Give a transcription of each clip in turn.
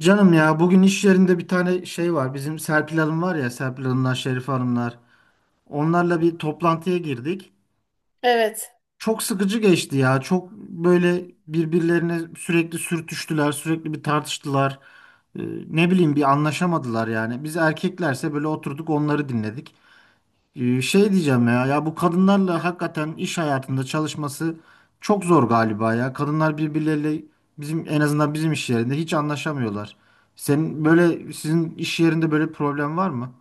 Canım ya bugün iş yerinde bir tane şey var. Bizim Serpil Hanım var ya Serpil Hanımlar, Şerif Hanımlar. Onlarla bir toplantıya girdik. Evet. Çok sıkıcı geçti ya. Çok böyle birbirlerine sürekli sürtüştüler, sürekli tartıştılar. Ee, ne bileyim bir anlaşamadılar yani. Biz erkeklerse böyle oturduk onları dinledik. Şey diyeceğim ya, bu kadınlarla hakikaten iş hayatında çalışması çok zor galiba ya. Kadınlar birbirleriyle en azından bizim iş yerinde hiç anlaşamıyorlar. Senin böyle sizin iş yerinde böyle problem var mı?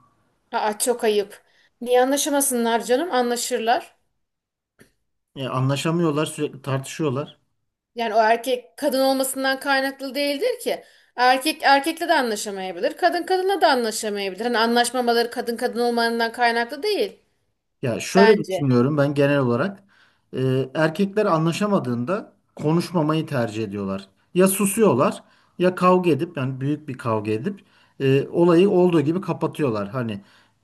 Aa, çok ayıp. Niye anlaşamasınlar canım? Anlaşırlar. Ya anlaşamıyorlar, sürekli tartışıyorlar. Yani o erkek kadın olmasından kaynaklı değildir ki. Erkek erkekle de anlaşamayabilir. Kadın kadınla da anlaşamayabilir. Hani anlaşmamaları kadın kadın olmanından kaynaklı değil Ya şöyle bence. düşünüyorum ben genel olarak. Erkekler anlaşamadığında konuşmamayı tercih ediyorlar. Ya susuyorlar ya kavga edip yani büyük bir kavga edip olayı olduğu gibi kapatıyorlar. Hani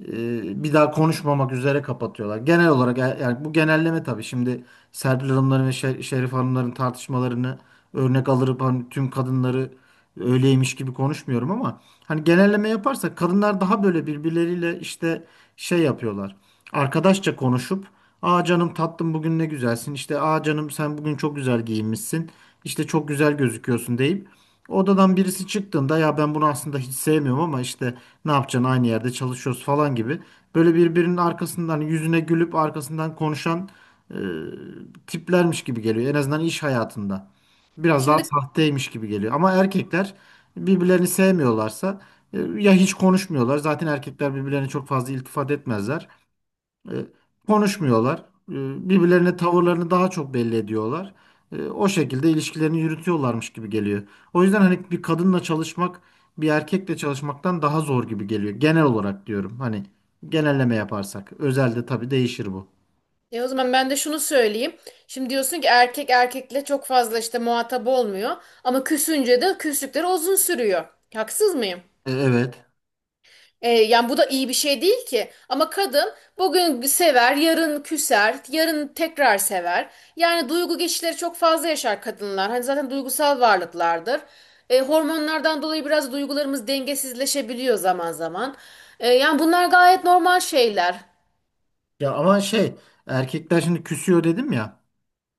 bir daha konuşmamak üzere kapatıyorlar. Genel olarak yani bu genelleme tabii şimdi Serpil Hanımların ve Şerif Hanımların tartışmalarını örnek alırıp hani tüm kadınları öyleymiş gibi konuşmuyorum ama hani genelleme yaparsak kadınlar daha böyle birbirleriyle işte şey yapıyorlar, arkadaşça konuşup aa canım tatlım bugün ne güzelsin işte aa canım sen bugün çok güzel giyinmişsin işte çok güzel gözüküyorsun deyip odadan birisi çıktığında ya ben bunu aslında hiç sevmiyorum ama işte ne yapacaksın aynı yerde çalışıyoruz falan gibi böyle birbirinin arkasından hani yüzüne gülüp arkasından konuşan e, tiplermiş gibi geliyor en azından iş hayatında. Biraz daha Şimdi sahteymiş gibi geliyor ama erkekler birbirlerini sevmiyorlarsa ya hiç konuşmuyorlar. Zaten erkekler birbirlerine çok fazla iltifat etmezler. E, Konuşmuyorlar. Birbirlerine tavırlarını daha çok belli ediyorlar. O şekilde ilişkilerini yürütüyorlarmış gibi geliyor. O yüzden hani bir kadınla çalışmak bir erkekle çalışmaktan daha zor gibi geliyor. Genel olarak diyorum. Hani genelleme yaparsak. Özelde tabii değişir bu. O zaman ben de şunu söyleyeyim. Şimdi diyorsun ki erkek erkekle çok fazla işte muhatap olmuyor. Ama küsünce de küslükleri uzun sürüyor. Haksız mıyım? Evet. E, yani bu da iyi bir şey değil ki. Ama kadın bugün sever, yarın küser, yarın tekrar sever. Yani duygu geçişleri çok fazla yaşar kadınlar. Hani zaten duygusal varlıklardır. E, hormonlardan dolayı biraz duygularımız dengesizleşebiliyor zaman zaman. E, yani bunlar gayet normal şeyler. Ya ama erkekler şimdi küsüyor dedim ya.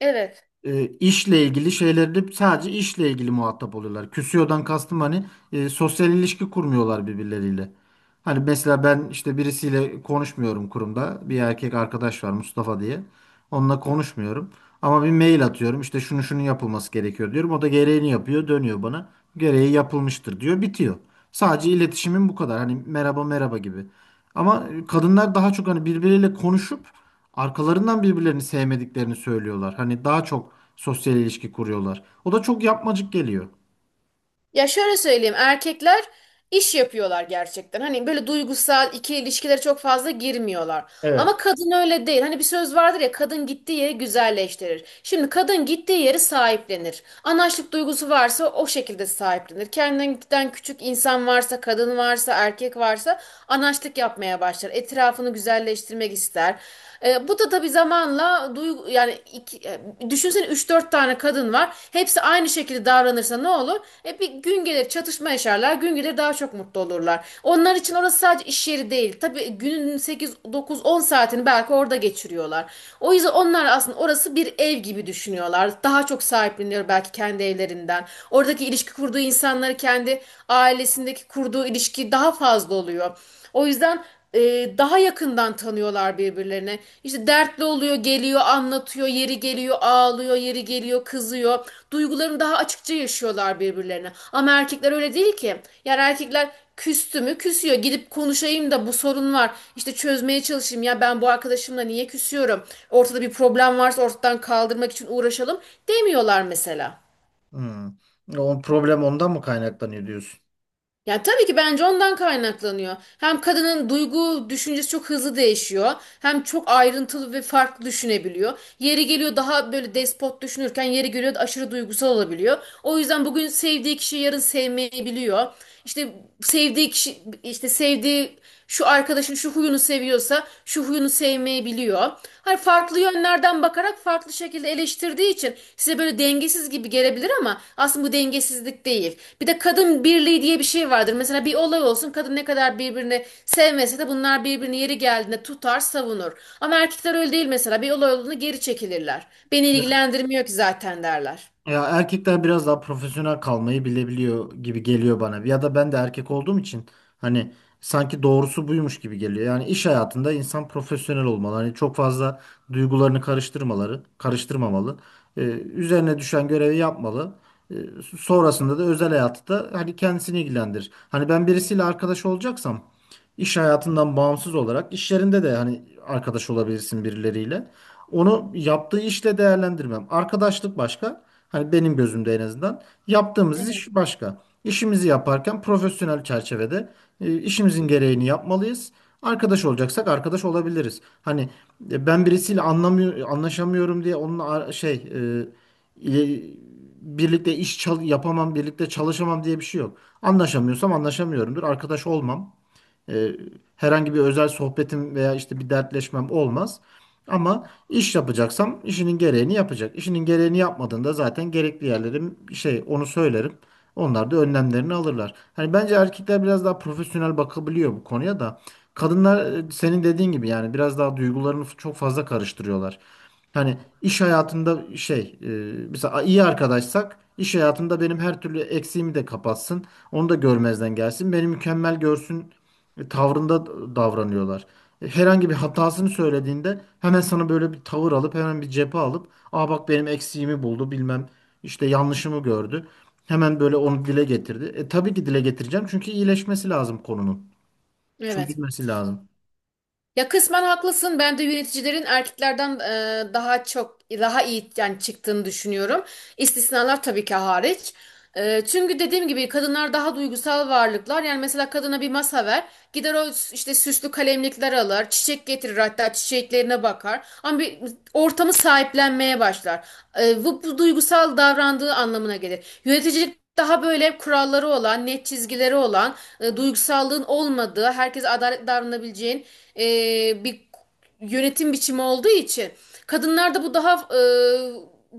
Evet. İşle ilgili şeylerde sadece işle ilgili muhatap oluyorlar. Küsüyordan kastım hani sosyal ilişki kurmuyorlar birbirleriyle. Hani mesela ben işte birisiyle konuşmuyorum kurumda. Bir erkek arkadaş var, Mustafa diye. Onunla konuşmuyorum. Ama bir mail atıyorum. İşte şunu şunun yapılması gerekiyor diyorum. O da gereğini yapıyor, dönüyor bana. Gereği yapılmıştır diyor, bitiyor. Sadece iletişimin bu kadar. Hani merhaba merhaba gibi. Ama kadınlar daha çok hani birbiriyle konuşup arkalarından birbirlerini sevmediklerini söylüyorlar. Hani daha çok sosyal ilişki kuruyorlar. O da çok yapmacık geliyor. Ya şöyle söyleyeyim, erkekler iş yapıyorlar gerçekten. Hani böyle duygusal iki ilişkilere çok fazla girmiyorlar. Evet. Ama kadın öyle değil. Hani bir söz vardır ya, kadın gittiği yeri güzelleştirir. Şimdi kadın gittiği yeri sahiplenir. Anaçlık duygusu varsa o şekilde sahiplenir. Kendinden küçük insan varsa, kadın varsa, erkek varsa anaçlık yapmaya başlar. Etrafını güzelleştirmek ister. E, bu da tabii zamanla duygu, yani iki, düşünsene 3-4 tane kadın var. Hepsi aynı şekilde davranırsa ne olur? E, bir gün gelir çatışma yaşarlar. Gün gelir daha çok mutlu olurlar. Onlar için orası sadece iş yeri değil. Tabii günün 8 9 10 saatini belki orada geçiriyorlar. O yüzden onlar aslında orası bir ev gibi düşünüyorlar. Daha çok sahipleniyor belki kendi evlerinden. Oradaki ilişki kurduğu insanları kendi ailesindeki kurduğu ilişki daha fazla oluyor. O yüzden daha yakından tanıyorlar birbirlerine. İşte dertli oluyor, geliyor, anlatıyor, yeri geliyor, ağlıyor, yeri geliyor, kızıyor. Duygularını daha açıkça yaşıyorlar birbirlerine. Ama erkekler öyle değil ki. Yani erkekler küstü mü küsüyor. Gidip konuşayım da bu sorun var. İşte çözmeye çalışayım, ya ben bu arkadaşımla niye küsüyorum? Ortada bir problem varsa ortadan kaldırmak için uğraşalım demiyorlar mesela. Hmm. O problem ondan mı kaynaklanıyor diyorsun? Ya tabii ki bence ondan kaynaklanıyor. Hem kadının duygu düşüncesi çok hızlı değişiyor. Hem çok ayrıntılı ve farklı düşünebiliyor. Yeri geliyor daha böyle despot düşünürken yeri geliyor aşırı duygusal olabiliyor. O yüzden bugün sevdiği kişiyi yarın sevmeyebiliyor. İşte sevdiği kişi işte sevdiği şu arkadaşın şu huyunu seviyorsa şu huyunu sevmeyebiliyor. Hani farklı yönlerden bakarak farklı şekilde eleştirdiği için size böyle dengesiz gibi gelebilir ama aslında bu dengesizlik değil. Bir de kadın birliği diye bir şey vardır. Mesela bir olay olsun, kadın ne kadar birbirini sevmese de bunlar birbirini yeri geldiğinde tutar, savunur. Ama erkekler öyle değil mesela. Bir olay olduğunda geri çekilirler. Beni ilgilendirmiyor ki zaten derler. Ya erkekler biraz daha profesyonel kalmayı bilebiliyor gibi geliyor bana. Ya da ben de erkek olduğum için hani sanki doğrusu buymuş gibi geliyor. Yani iş hayatında insan profesyonel olmalı. Hani çok fazla duygularını karıştırmamalı. Ee, Üzerine düşen görevi yapmalı. Ee, Sonrasında da özel hayatı da hani kendisini ilgilendirir. Hani ben birisiyle arkadaş olacaksam iş hayatından bağımsız olarak iş yerinde de hani arkadaş olabilirsin birileriyle. Onu yaptığı işle değerlendirmem. Arkadaşlık başka. Hani benim gözümde en azından. Yaptığımız iş Evet. başka. İşimizi yaparken profesyonel çerçevede işimizin gereğini yapmalıyız. Arkadaş olacaksak arkadaş olabiliriz. Hani ben birisiyle anlaşamıyorum diye onunla ar- şey e, ile- birlikte iş çal- yapamam, birlikte çalışamam diye bir şey yok. Anlaşamıyorsam anlaşamıyorumdur. Arkadaş olmam. E, Herhangi bir özel sohbetim veya işte bir dertleşmem olmaz. Ama iş yapacaksam işinin gereğini yapacak. İşinin gereğini yapmadığında zaten gerekli yerlerim şey onu söylerim. Onlar da önlemlerini alırlar. Hani bence erkekler biraz daha profesyonel bakabiliyor bu konuya da. Kadınlar senin dediğin gibi yani biraz daha duygularını çok fazla karıştırıyorlar. Hani iş hayatında mesela iyi arkadaşsak iş hayatımda benim her türlü eksiğimi de kapatsın. Onu da görmezden gelsin. Beni mükemmel görsün ve tavrında davranıyorlar. Herhangi bir hatasını söylediğinde hemen sana böyle bir tavır alıp hemen bir cephe alıp aa bak benim eksiğimi buldu bilmem işte yanlışımı gördü. Hemen böyle onu dile getirdi. E tabii ki dile getireceğim çünkü iyileşmesi lazım konunun. Evet. Çözülmesi lazım. Ya kısmen haklısın. Ben de yöneticilerin erkeklerden daha iyi yani çıktığını düşünüyorum. İstisnalar tabii ki hariç. E, çünkü dediğim gibi kadınlar daha duygusal varlıklar. Yani mesela kadına bir masa ver, gider işte süslü kalemlikler alır, çiçek getirir, hatta çiçeklerine bakar. Ama bir ortamı sahiplenmeye başlar. E, bu, bu duygusal davrandığı anlamına gelir. Yöneticilik daha böyle kuralları olan, net çizgileri olan, duygusallığın olmadığı, herkese adaletli davranabileceğin e, bir yönetim biçimi olduğu için kadınlarda bu daha e,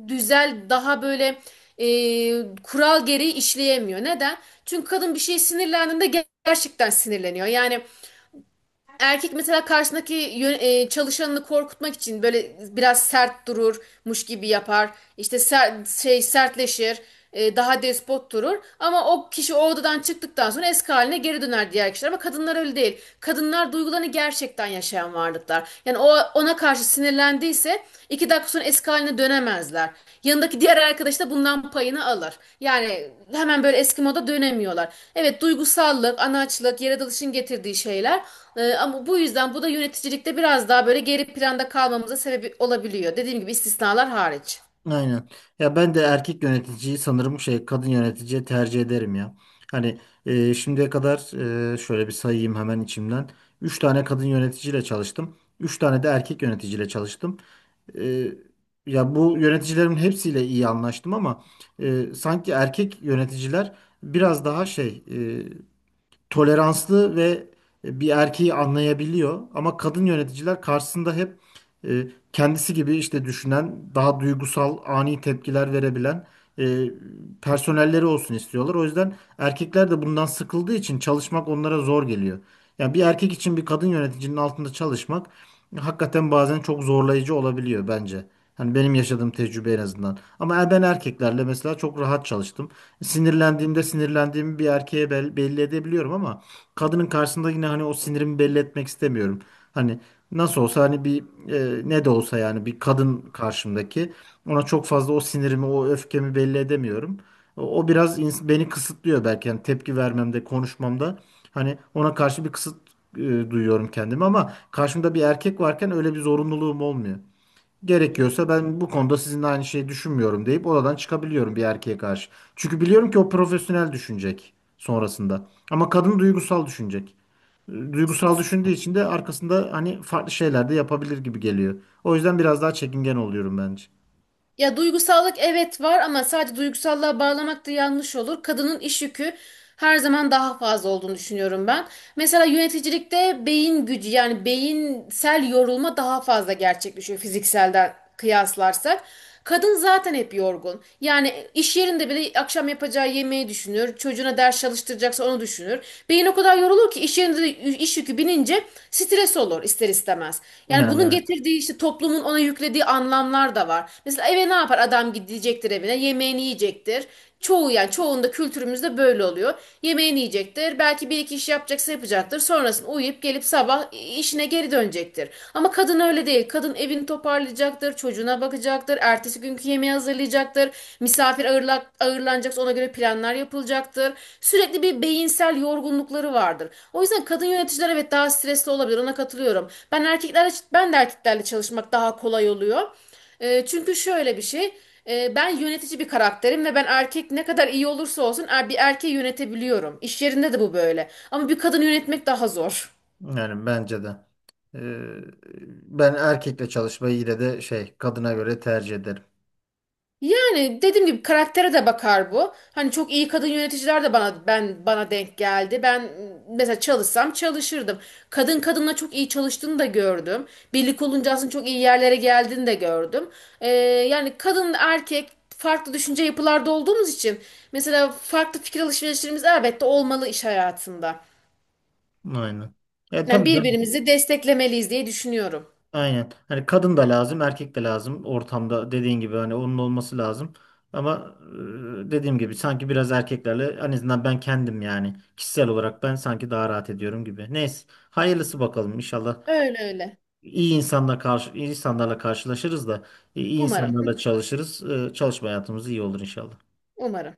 düzel, daha böyle e, kural gereği işleyemiyor. Neden? Çünkü kadın bir şeye sinirlendiğinde gerçekten sinirleniyor. Yani erkek mesela karşısındaki çalışanını korkutmak için böyle biraz sert dururmuş gibi yapar. İşte sertleşir, daha despot durur. Ama o kişi o odadan çıktıktan sonra eski haline geri döner diğer kişiler. Ama kadınlar öyle değil. Kadınlar duygularını gerçekten yaşayan varlıklar. Yani o ona karşı sinirlendiyse iki dakika sonra eski haline dönemezler. Yanındaki diğer arkadaş da bundan payını alır. Yani hemen böyle eski moda dönemiyorlar. Evet, duygusallık, anaçlık, yaratılışın getirdiği şeyler. Ama bu yüzden bu da yöneticilikte biraz daha böyle geri planda kalmamıza sebep olabiliyor. Dediğim gibi istisnalar hariç. Aynen. Ya ben de erkek yöneticiyi sanırım şey kadın yöneticiye tercih ederim ya. Hani şimdiye kadar şöyle bir sayayım hemen içimden. 3 tane kadın yöneticiyle çalıştım. Üç tane de erkek yöneticiyle çalıştım. e, Ya bu yöneticilerin hepsiyle iyi anlaştım ama sanki erkek yöneticiler biraz daha şey toleranslı ve bir erkeği anlayabiliyor. Ama kadın yöneticiler karşısında hep e, kendisi gibi işte düşünen, daha duygusal, ani tepkiler verebilen e, personelleri olsun istiyorlar. O yüzden erkekler de bundan sıkıldığı için çalışmak onlara zor geliyor. Yani bir erkek için bir kadın yöneticinin altında çalışmak hakikaten bazen çok zorlayıcı olabiliyor bence. Hani benim yaşadığım tecrübe en azından. Ama ben erkeklerle mesela çok rahat çalıştım, sinirlendiğimde sinirlendiğimi bir erkeğe belli edebiliyorum ama kadının karşısında yine hani o sinirimi belli etmek istemiyorum. Hani nasıl olsa hani ne de olsa yani bir kadın karşımdaki, ona çok fazla o sinirimi, o öfkemi belli edemiyorum. O biraz beni kısıtlıyor belki yani tepki vermemde, konuşmamda. Hani ona karşı bir kısıt e, duyuyorum kendimi ama karşımda bir erkek varken öyle bir zorunluluğum olmuyor. Gerekiyorsa ben bu konuda sizinle aynı şeyi düşünmüyorum deyip oradan çıkabiliyorum bir erkeğe karşı. Çünkü biliyorum ki o profesyonel düşünecek sonrasında. Ama kadın duygusal düşünecek. Duygusal düşündüğü için de arkasında hani farklı şeyler de yapabilir gibi geliyor. O yüzden biraz daha çekingen oluyorum bence. Ya duygusallık evet var ama sadece duygusallığa bağlamak da yanlış olur. Kadının iş yükü her zaman daha fazla olduğunu düşünüyorum ben. Mesela yöneticilikte beyin gücü, yani beyinsel yorulma daha fazla gerçekleşiyor fizikselden kıyaslarsak. Kadın zaten hep yorgun. Yani iş yerinde bile akşam yapacağı yemeği düşünür. Çocuğuna ders çalıştıracaksa onu düşünür. Beyin o kadar yorulur ki iş yerinde üzerinde de iş yükü binince stres olur ister istemez. Yani Yani bunun evet. getirdiği işte toplumun ona yüklediği anlamlar da var. Mesela eve ne yapar? Adam gidecektir evine, yemeğini yiyecektir. Çoğu, yani çoğunda kültürümüzde böyle oluyor. Yemeğini yiyecektir. Belki bir iki iş yapacaksa yapacaktır. Sonrasında uyuyup gelip sabah işine geri dönecektir. Ama kadın öyle değil. Kadın evini toparlayacaktır, çocuğuna bakacaktır, ertesi günkü yemeği hazırlayacaktır. Ağırlanacaksa ona göre planlar yapılacaktır. Sürekli bir beyinsel yorgunlukları vardır. O yüzden kadın yöneticiler evet daha stresli olabilir. Ona katılıyorum. Ben de erkeklerle çalışmak daha kolay oluyor. E, çünkü şöyle bir şey. Ben yönetici bir karakterim ve ben erkek ne kadar iyi olursa olsun bir erkeği yönetebiliyorum. İş yerinde de bu böyle. Ama bir kadın yönetmek daha zor. Yani bence de. E, Ben erkekle çalışmayı yine de şey kadına göre tercih ederim. Yani dediğim gibi karaktere de bakar bu. Hani çok iyi kadın yöneticiler de bana denk geldi. Ben mesela çalışsam çalışırdım. Kadın kadınla çok iyi çalıştığını da gördüm. Birlik olunca aslında çok iyi yerlere geldiğini de gördüm. Ee, Yani kadın erkek farklı düşünce yapılarda olduğumuz için mesela farklı fikir alışverişlerimiz elbette olmalı iş hayatında. Aynen. E Yani tabii canım. birbirimizi desteklemeliyiz diye düşünüyorum. Aynen. Hani kadın da lazım, erkek de lazım ortamda dediğin gibi hani onun olması lazım. Ama dediğim gibi sanki biraz erkeklerle en azından ben kendim yani kişisel olarak ben sanki daha rahat ediyorum gibi. Neyse, hayırlısı bakalım inşallah. Öyle öyle. İyi insanla karşı iyi insanlarla karşılaşırız da iyi Umarım. insanlarla çalışırız. Çalışma hayatımız iyi olur inşallah. Umarım.